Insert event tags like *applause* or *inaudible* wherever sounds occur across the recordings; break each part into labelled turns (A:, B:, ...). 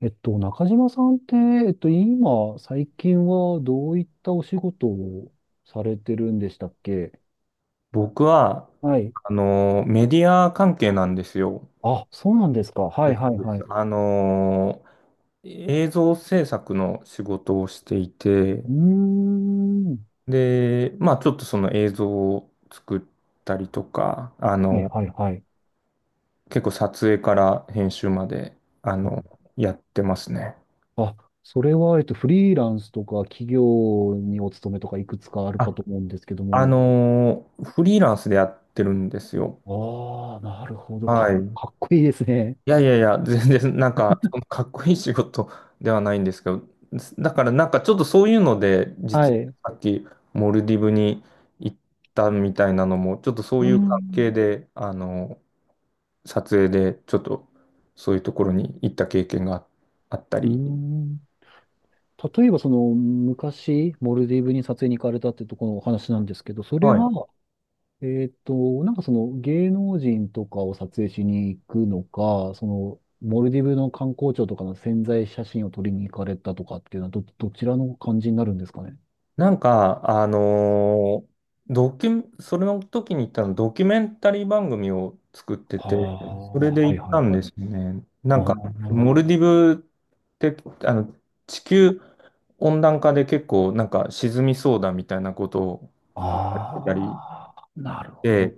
A: 中島さんって、今、最近はどういったお仕事をされてるんでしたっけ？
B: 僕は、
A: はい。
B: メディア関係なんですよ。
A: あ、そうなんですか。はいはいはい。
B: あの、映像制作の仕事をしてい
A: う
B: て、
A: ーん。
B: で、まあちょっとその映像を作ったりとか、
A: はいはいはい。
B: 結構撮影から編集まで、あの、やってますね。
A: あ、それは、フリーランスとか企業にお勤めとかいくつかあるか
B: あ、
A: と思うんですけども。
B: フリーランスでやってるんですよ。
A: ああ、なるほど。
B: は
A: か、
B: い。
A: かっこいいですね。
B: いやいやいや、全然 *laughs* なんか、そのかっこいい仕事ではないんですけど、だからなんかちょっとそういうので、
A: は
B: 実
A: い。う
B: はさっきモルディブに行ったみたいなのも、ちょっとそ
A: ー
B: ういう関
A: ん。
B: 係で、撮影でちょっとそういうところに行った経験があった
A: うー
B: り。
A: ん。例えばその昔、モルディブに撮影に行かれたってところのお話なんですけど、それ
B: はい、
A: は、なんかその芸能人とかを撮影しに行くのか、そのモルディブの観光庁とかの宣材写真を撮りに行かれたとかっていうのはど、どちらの感じになるんですかね。
B: なんか、ドキュ、それの時に行ったの、ドキュメンタリー番組を作って
A: は
B: て、それ
A: あ、
B: で
A: は
B: 行
A: い
B: っ
A: はい
B: たん
A: はい。
B: ですよね。なんか、
A: あ
B: モルディブって、あの、地球温暖化で結構、なんか沈みそうだみたいなことを
A: あ、
B: 言われてたり
A: ああなるほど。
B: で、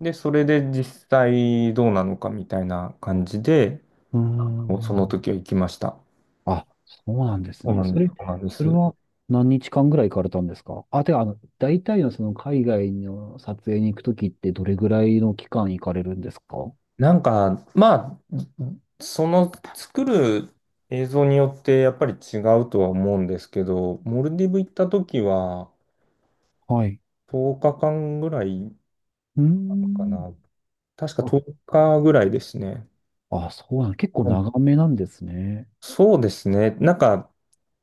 B: で、それで実際どうなのかみたいな感じで、
A: うー
B: その
A: ん。
B: 時は行きました。
A: あ、そうなんです
B: そうな
A: ね。
B: んで
A: そ
B: す、
A: れ、
B: そうなんで
A: それ
B: す。
A: は何日間ぐらい行かれたんですか？あ、てか、あの、大体のその海外の撮影に行くときってどれぐらいの期間行かれるんですか？
B: なんか、まあ、その作る映像によってやっぱり違うとは思うんですけど、モルディブ行った時は
A: はい。
B: 10日間ぐらい
A: うー
B: か
A: ん。
B: な。確か
A: あ、
B: 10日ぐらいですね。
A: あ、そうなん、結構
B: うん、
A: 長めなんですね。
B: そうですね。なんか、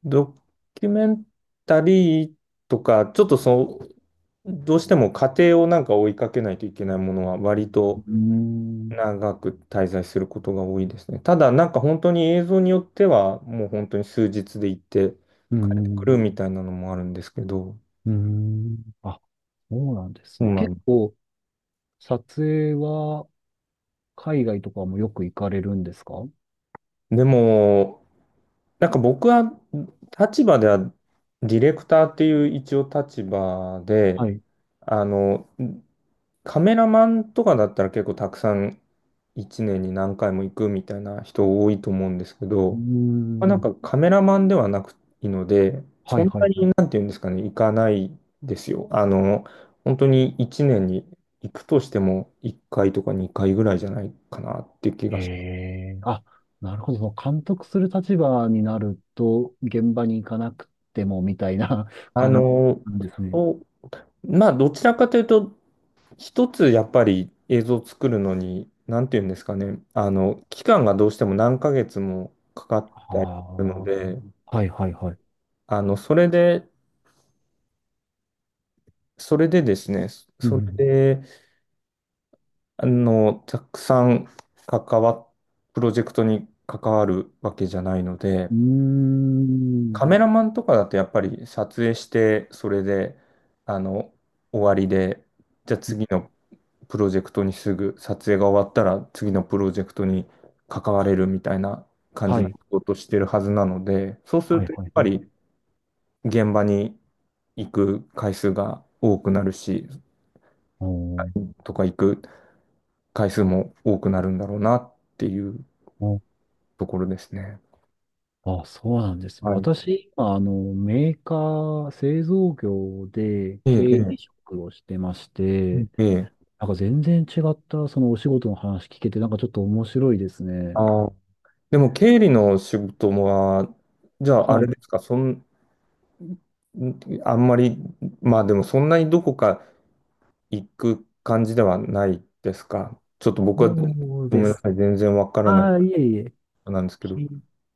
B: ドキュメンタリーとか、ちょっとそう、どうしても過程をなんか追いかけないといけないものは割
A: う
B: と
A: ーん。
B: 長く滞在することが多いですね。ただ、なんか本当に映像によっては、もう本当に数日で行って
A: うー
B: 帰ってく
A: ん。
B: るみたいなのもあるんですけど、
A: うーん。あ、そうなんです
B: そう
A: ね。
B: なん
A: 結
B: で
A: 構、撮影は海外とかもよく行かれるんですか？
B: す。でも、なんか僕は立場ではディレクターっていう一応立場で、
A: はい。う
B: あの、カメラマンとかだったら結構たくさん1年に何回も行くみたいな人多いと思うんですけ
A: ー
B: ど、まあ、なん
A: ん。
B: かカメラマンではなくいいので、
A: は
B: そ
A: い
B: ん
A: は
B: な
A: いはい。
B: になんていうんですかね、行かないですよ。本当に1年に行くとしても1回とか2回ぐらいじゃないかなっていう気が
A: へ
B: して。
A: え。あ、なるほど。もう監督する立場になると、現場に行かなくても、みたいな *laughs*
B: あ
A: 感じ
B: の、
A: なんですね。
B: そう、まあ、どちらかというと、一つやっぱり映像を作るのに、なんていうんですかね、期間がどうしても何ヶ月もかかってるの
A: は
B: で、
A: あ。はいはいはい。
B: それで、それでですね、
A: う
B: そ
A: ん。
B: れで、たくさん関わ、プロジェクトに関わるわけじゃないので、
A: うん
B: カメラマンとかだとやっぱり撮影して、それで、あの、終わりで、じゃあ
A: うー
B: 次
A: ん。
B: のプロジェクトにすぐ、撮影が終わったら次のプロジェクトに関われるみたいな感じ
A: は
B: の
A: い。
B: ことをしてるはずなので、そうする
A: はい
B: とやっ
A: はい
B: ぱ
A: はい。
B: り現場に行く回数が多くなるし、
A: おー
B: とか行く回数も多くなるんだろうなっていう
A: おー
B: ところですね。
A: あ、そうなんですね。
B: はい。
A: 私、今、あの、メーカー、製造業で
B: ええ、
A: 経
B: え
A: 理職をしてまして、
B: え、ええ。
A: なんか全然違った、そのお仕事の話聞けて、なんかちょっと面白いですね。
B: ああ、でも経理の仕事は、じゃああ
A: は
B: れで
A: い。
B: すか、そん、あんまり、まあでもそんなにどこか行く感じではないですか。ちょっと僕は、
A: そう
B: ご
A: で
B: めんな
A: す。
B: さい、全然わからない
A: ああ、いえいえ。
B: なんですけど。
A: き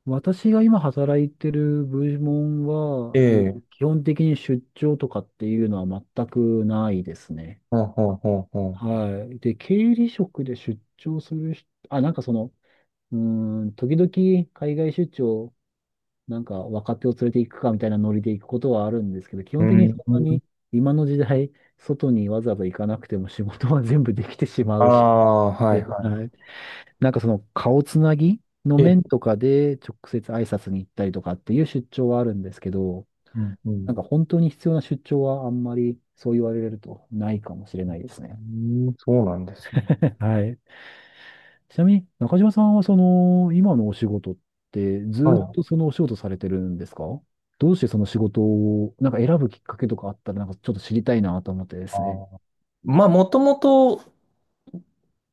A: 私が今働いてる部門
B: え
A: は、えー
B: え、
A: 基本的に出張とかっていうのは全くないですね。
B: ほんほんほんほん。
A: はい。で、経理職で出張する人、あ、なんかその、うーん、時々海外出張、なんか若手を連れて行くかみたいなノリで行くことはあるんですけど、基
B: う
A: 本的にそん
B: ん。
A: なに今の時代、外にわざわざ行かなくても仕事は全部できてしま
B: あ
A: うし、
B: あ、はい
A: で
B: は
A: はいなんかその顔つなぎの
B: い。ええ、
A: 面とかで直接挨拶に行ったりとかっていう出張はあるんですけど、
B: うん、うん。
A: なんか本当に必要な出張はあんまりそう言われるとないかもしれないです
B: う
A: ね。
B: ん、そうなんですね。
A: *laughs* はい。ちなみに中島さんはその今のお仕事って
B: は
A: ずっ
B: い。
A: とそのお仕事されてるんですか？どうしてその仕事をなんか選ぶきっかけとかあったらなんかちょっと知りたいなと思ってで
B: あ
A: すね。
B: あ。まあ、もともと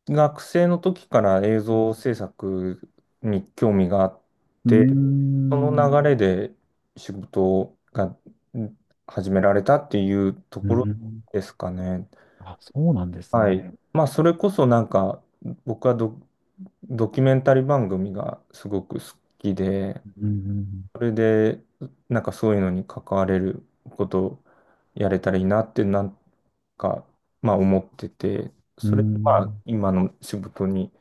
B: 学生の時から映
A: う
B: 像
A: ん
B: 制作に興味があっ
A: う
B: て、
A: ー
B: そ
A: ん。
B: の流れで仕事がうん始められたっていうと
A: う
B: ころ
A: ん。
B: ですかね。
A: あ、そうなんです
B: はい。
A: ね。
B: まあ、それこそなんか、僕はド、ドキュメンタリー番組がすごく好きで、
A: うん
B: それで、なんかそういうのに関われることをやれたらいいなって、なんか、まあ思ってて、
A: う
B: それが
A: んうん
B: まあ今の仕事に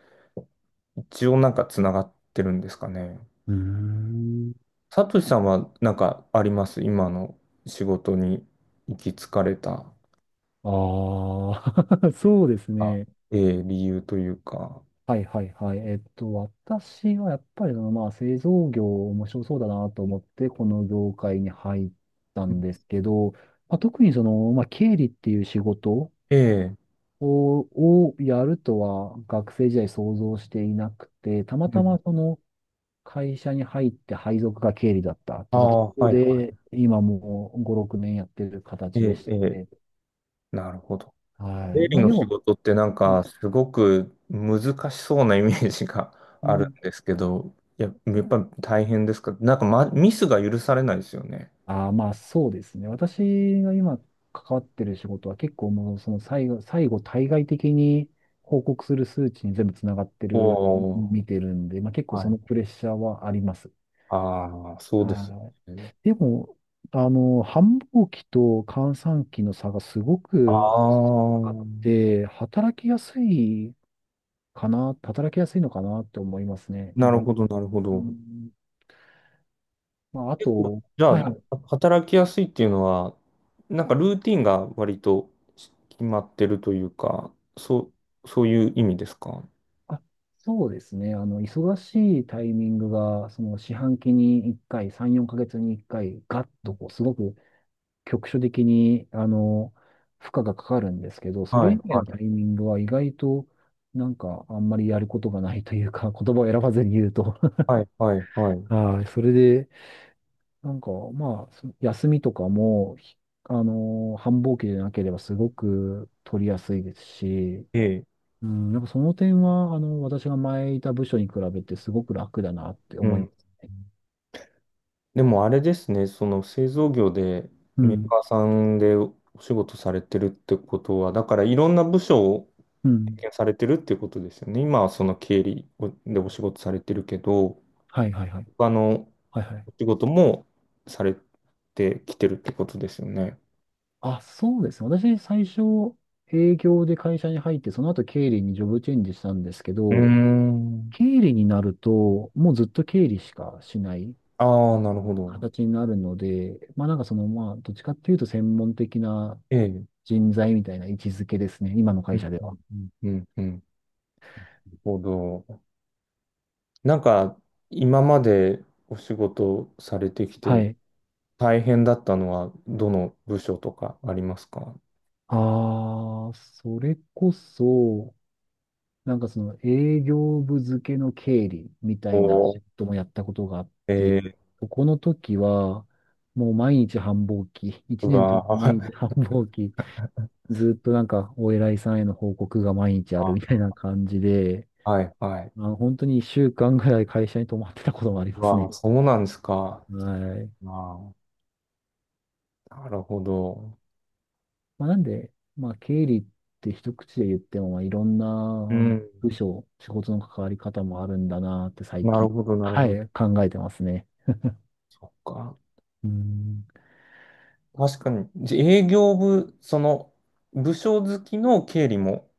B: 一応なんかつながってるんですかね。
A: うーん。
B: サトシさんはなんかあります今の仕事に行き着かれた、
A: ああ、*laughs* そうです
B: あ、
A: ね。
B: ええ理由というか。
A: はいはいはい。私はやっぱりその、まあ、製造業面白そうだなと思って、この業界に入ったんですけど、まあ、特にその、まあ、経理っていう仕事
B: ええ、
A: を、をやるとは学生時代想像していなくて、たま
B: う
A: たま
B: ん、
A: その会社に入って配属が経理だったっ
B: あ
A: てとこ
B: あ、
A: ろ
B: はいは
A: で、今もう5、6年やってる
B: い。え
A: 形で
B: え、
A: し
B: ええ、
A: て、
B: なるほど。
A: は
B: 経
A: い。
B: 理
A: まあ
B: の
A: で
B: 仕
A: も、
B: 事ってなん
A: う
B: かすごく難しそうなイメージが *laughs*
A: ん
B: あるんですけど、いや、やっぱり大変ですか、なんか、ま、ミスが許されないですよね。
A: ああ、まあそうですね。私が今関わってる仕事は結構もうその最後、最後対外的に報告する数値に全部つながって
B: お
A: る、
B: お、
A: 見てるんで、まあ結構
B: は
A: そ
B: い。
A: のプレッシャーはあります。
B: ああ、そうです
A: は
B: よ
A: い。
B: ね。
A: でも、あの、繁忙期と閑散期の差がすご
B: あ
A: くあっ
B: あ。
A: て、働きやすいかな、働きやすいのかなって思いますね。意
B: なる
A: 外。
B: ほど、なるほ
A: う
B: ど。
A: ん、まああ
B: 結構、
A: と、
B: じゃあ
A: は
B: は
A: い。
B: 働きやすいっていうのは、なんかルーティンが割とし決まってるというか、そう、そういう意味ですか？
A: あそうですね。あの、忙しいタイミングが、その四半期に1回、3、4ヶ月に1回、ガッとこう、すごく局所的に、あの、負荷がかかるんですけど、そ
B: は
A: れ
B: い、
A: 以外
B: は
A: のタイ
B: い、
A: ミングは意外と、なんか、あんまりやることがないというか、*laughs* 言葉を選ばずに言うと。*laughs*
B: はい、はい、はい。
A: はい。それで、なんか、まあ、そ休みとかも、ひあの、繁忙期でなければすごく取りやすいですし、
B: ええ、
A: うん、やっぱその点は、あの、私が前いた部署に比べてすごく楽だなって
B: う
A: 思いま
B: ん。
A: す。
B: でもあれですね、その製造業で
A: う
B: メー
A: ん。
B: カーさんでお仕事されてるってことは、だからいろんな部署を
A: うん。
B: 経験されてるっていうことですよね。今はその経理をでお仕事されてるけど、
A: はいはいはい。
B: 他の
A: はいはい。
B: お仕事もされてきてるってことですよね。
A: あ、そうですね。私、最初、営業で会社に入って、その後経理にジョブチェンジしたんですけ
B: うー
A: ど、
B: ん。
A: 経理になると、もうずっと経理しかしない
B: ああ、なるほど。
A: 形になるので、まあなんかその、まあ、どっちかっていうと専門的な
B: ええ。
A: 人材みたいな位置づけですね。今の
B: う
A: 会社
B: ん、
A: では。
B: うん、うん、うん。なるほど。なんか、今までお仕事されてき
A: は
B: て
A: い。
B: 大変だったのは、どの部署とかありますか？
A: ああ、それこそ、なんかその営業部付けの経理みた
B: お
A: いな
B: ー、
A: 仕事もやったことがあって、
B: えー、
A: この時は、もう毎日繁忙期、
B: う
A: 一年と
B: わ
A: も毎日
B: ー
A: 繁忙期、ずっとなんかお偉いさんへの報告が毎日
B: *laughs*
A: ある
B: あ
A: みたいな
B: ー、
A: 感じで、
B: はいはい。
A: まあ、本当に一週間ぐらい会社に泊まってたこともあり
B: う
A: ます
B: わー、
A: ね。
B: そうなんですか。
A: はい。
B: あー、なるほど。
A: まあ、なんで、まあ経理って一口で言っても、まあ、いろん
B: う
A: な
B: ん。
A: 部署、仕事の関わり方もあるんだなって最
B: なる
A: 近、
B: ほど、なるほ
A: は
B: ど。
A: い、考えてますね。
B: そっか。
A: うん
B: 確かに、じ営業部、その、部署好きの経理も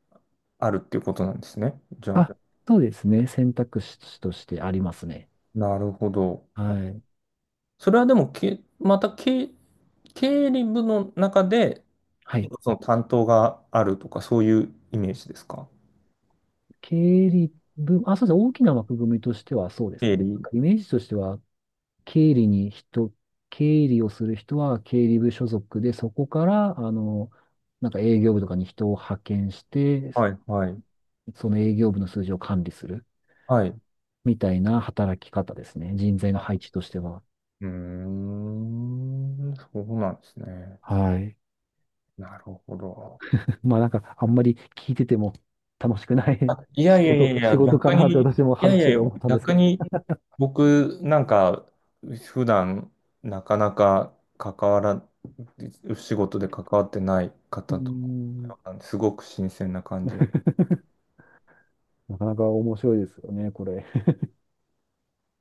B: あるっていうことなんですね。じゃあ、
A: あ、そうですね。選択肢としてありますね。
B: なるほど。
A: はい。
B: それはでも、け、また経、経理部の中で、
A: はい。
B: その担当があるとか、そういうイメージですか？
A: 経理部、あ、そうですね。大きな枠組みとしてはそうです
B: 経
A: ね。なん
B: 理。
A: かイメージとしては、経理に人、経理をする人は経理部所属で、そこから、あの、なんか営業部とかに人を派遣して、
B: はい、はい、
A: その営業部の数字を管理する
B: はい。
A: みたいな働き方ですね。人材の
B: あ、
A: 配置としては。
B: うーん、そうなんですね。
A: はい。
B: なるほど。
A: *laughs* まあなんか、あんまり聞いてても楽しくない
B: あ、い
A: *laughs*
B: や
A: 仕
B: いやいやい
A: 事、仕
B: や、
A: 事か
B: 逆
A: なって
B: に、い
A: 私も
B: やい
A: 話して
B: や、
A: て思ったんです
B: 逆
A: けど、
B: に、僕、なんか、普段、なかなか関わら、仕事で関わってない
A: うー
B: 方と、
A: ん。
B: すごく新鮮な感じ
A: *laughs* なかなか面白いですよね、これ。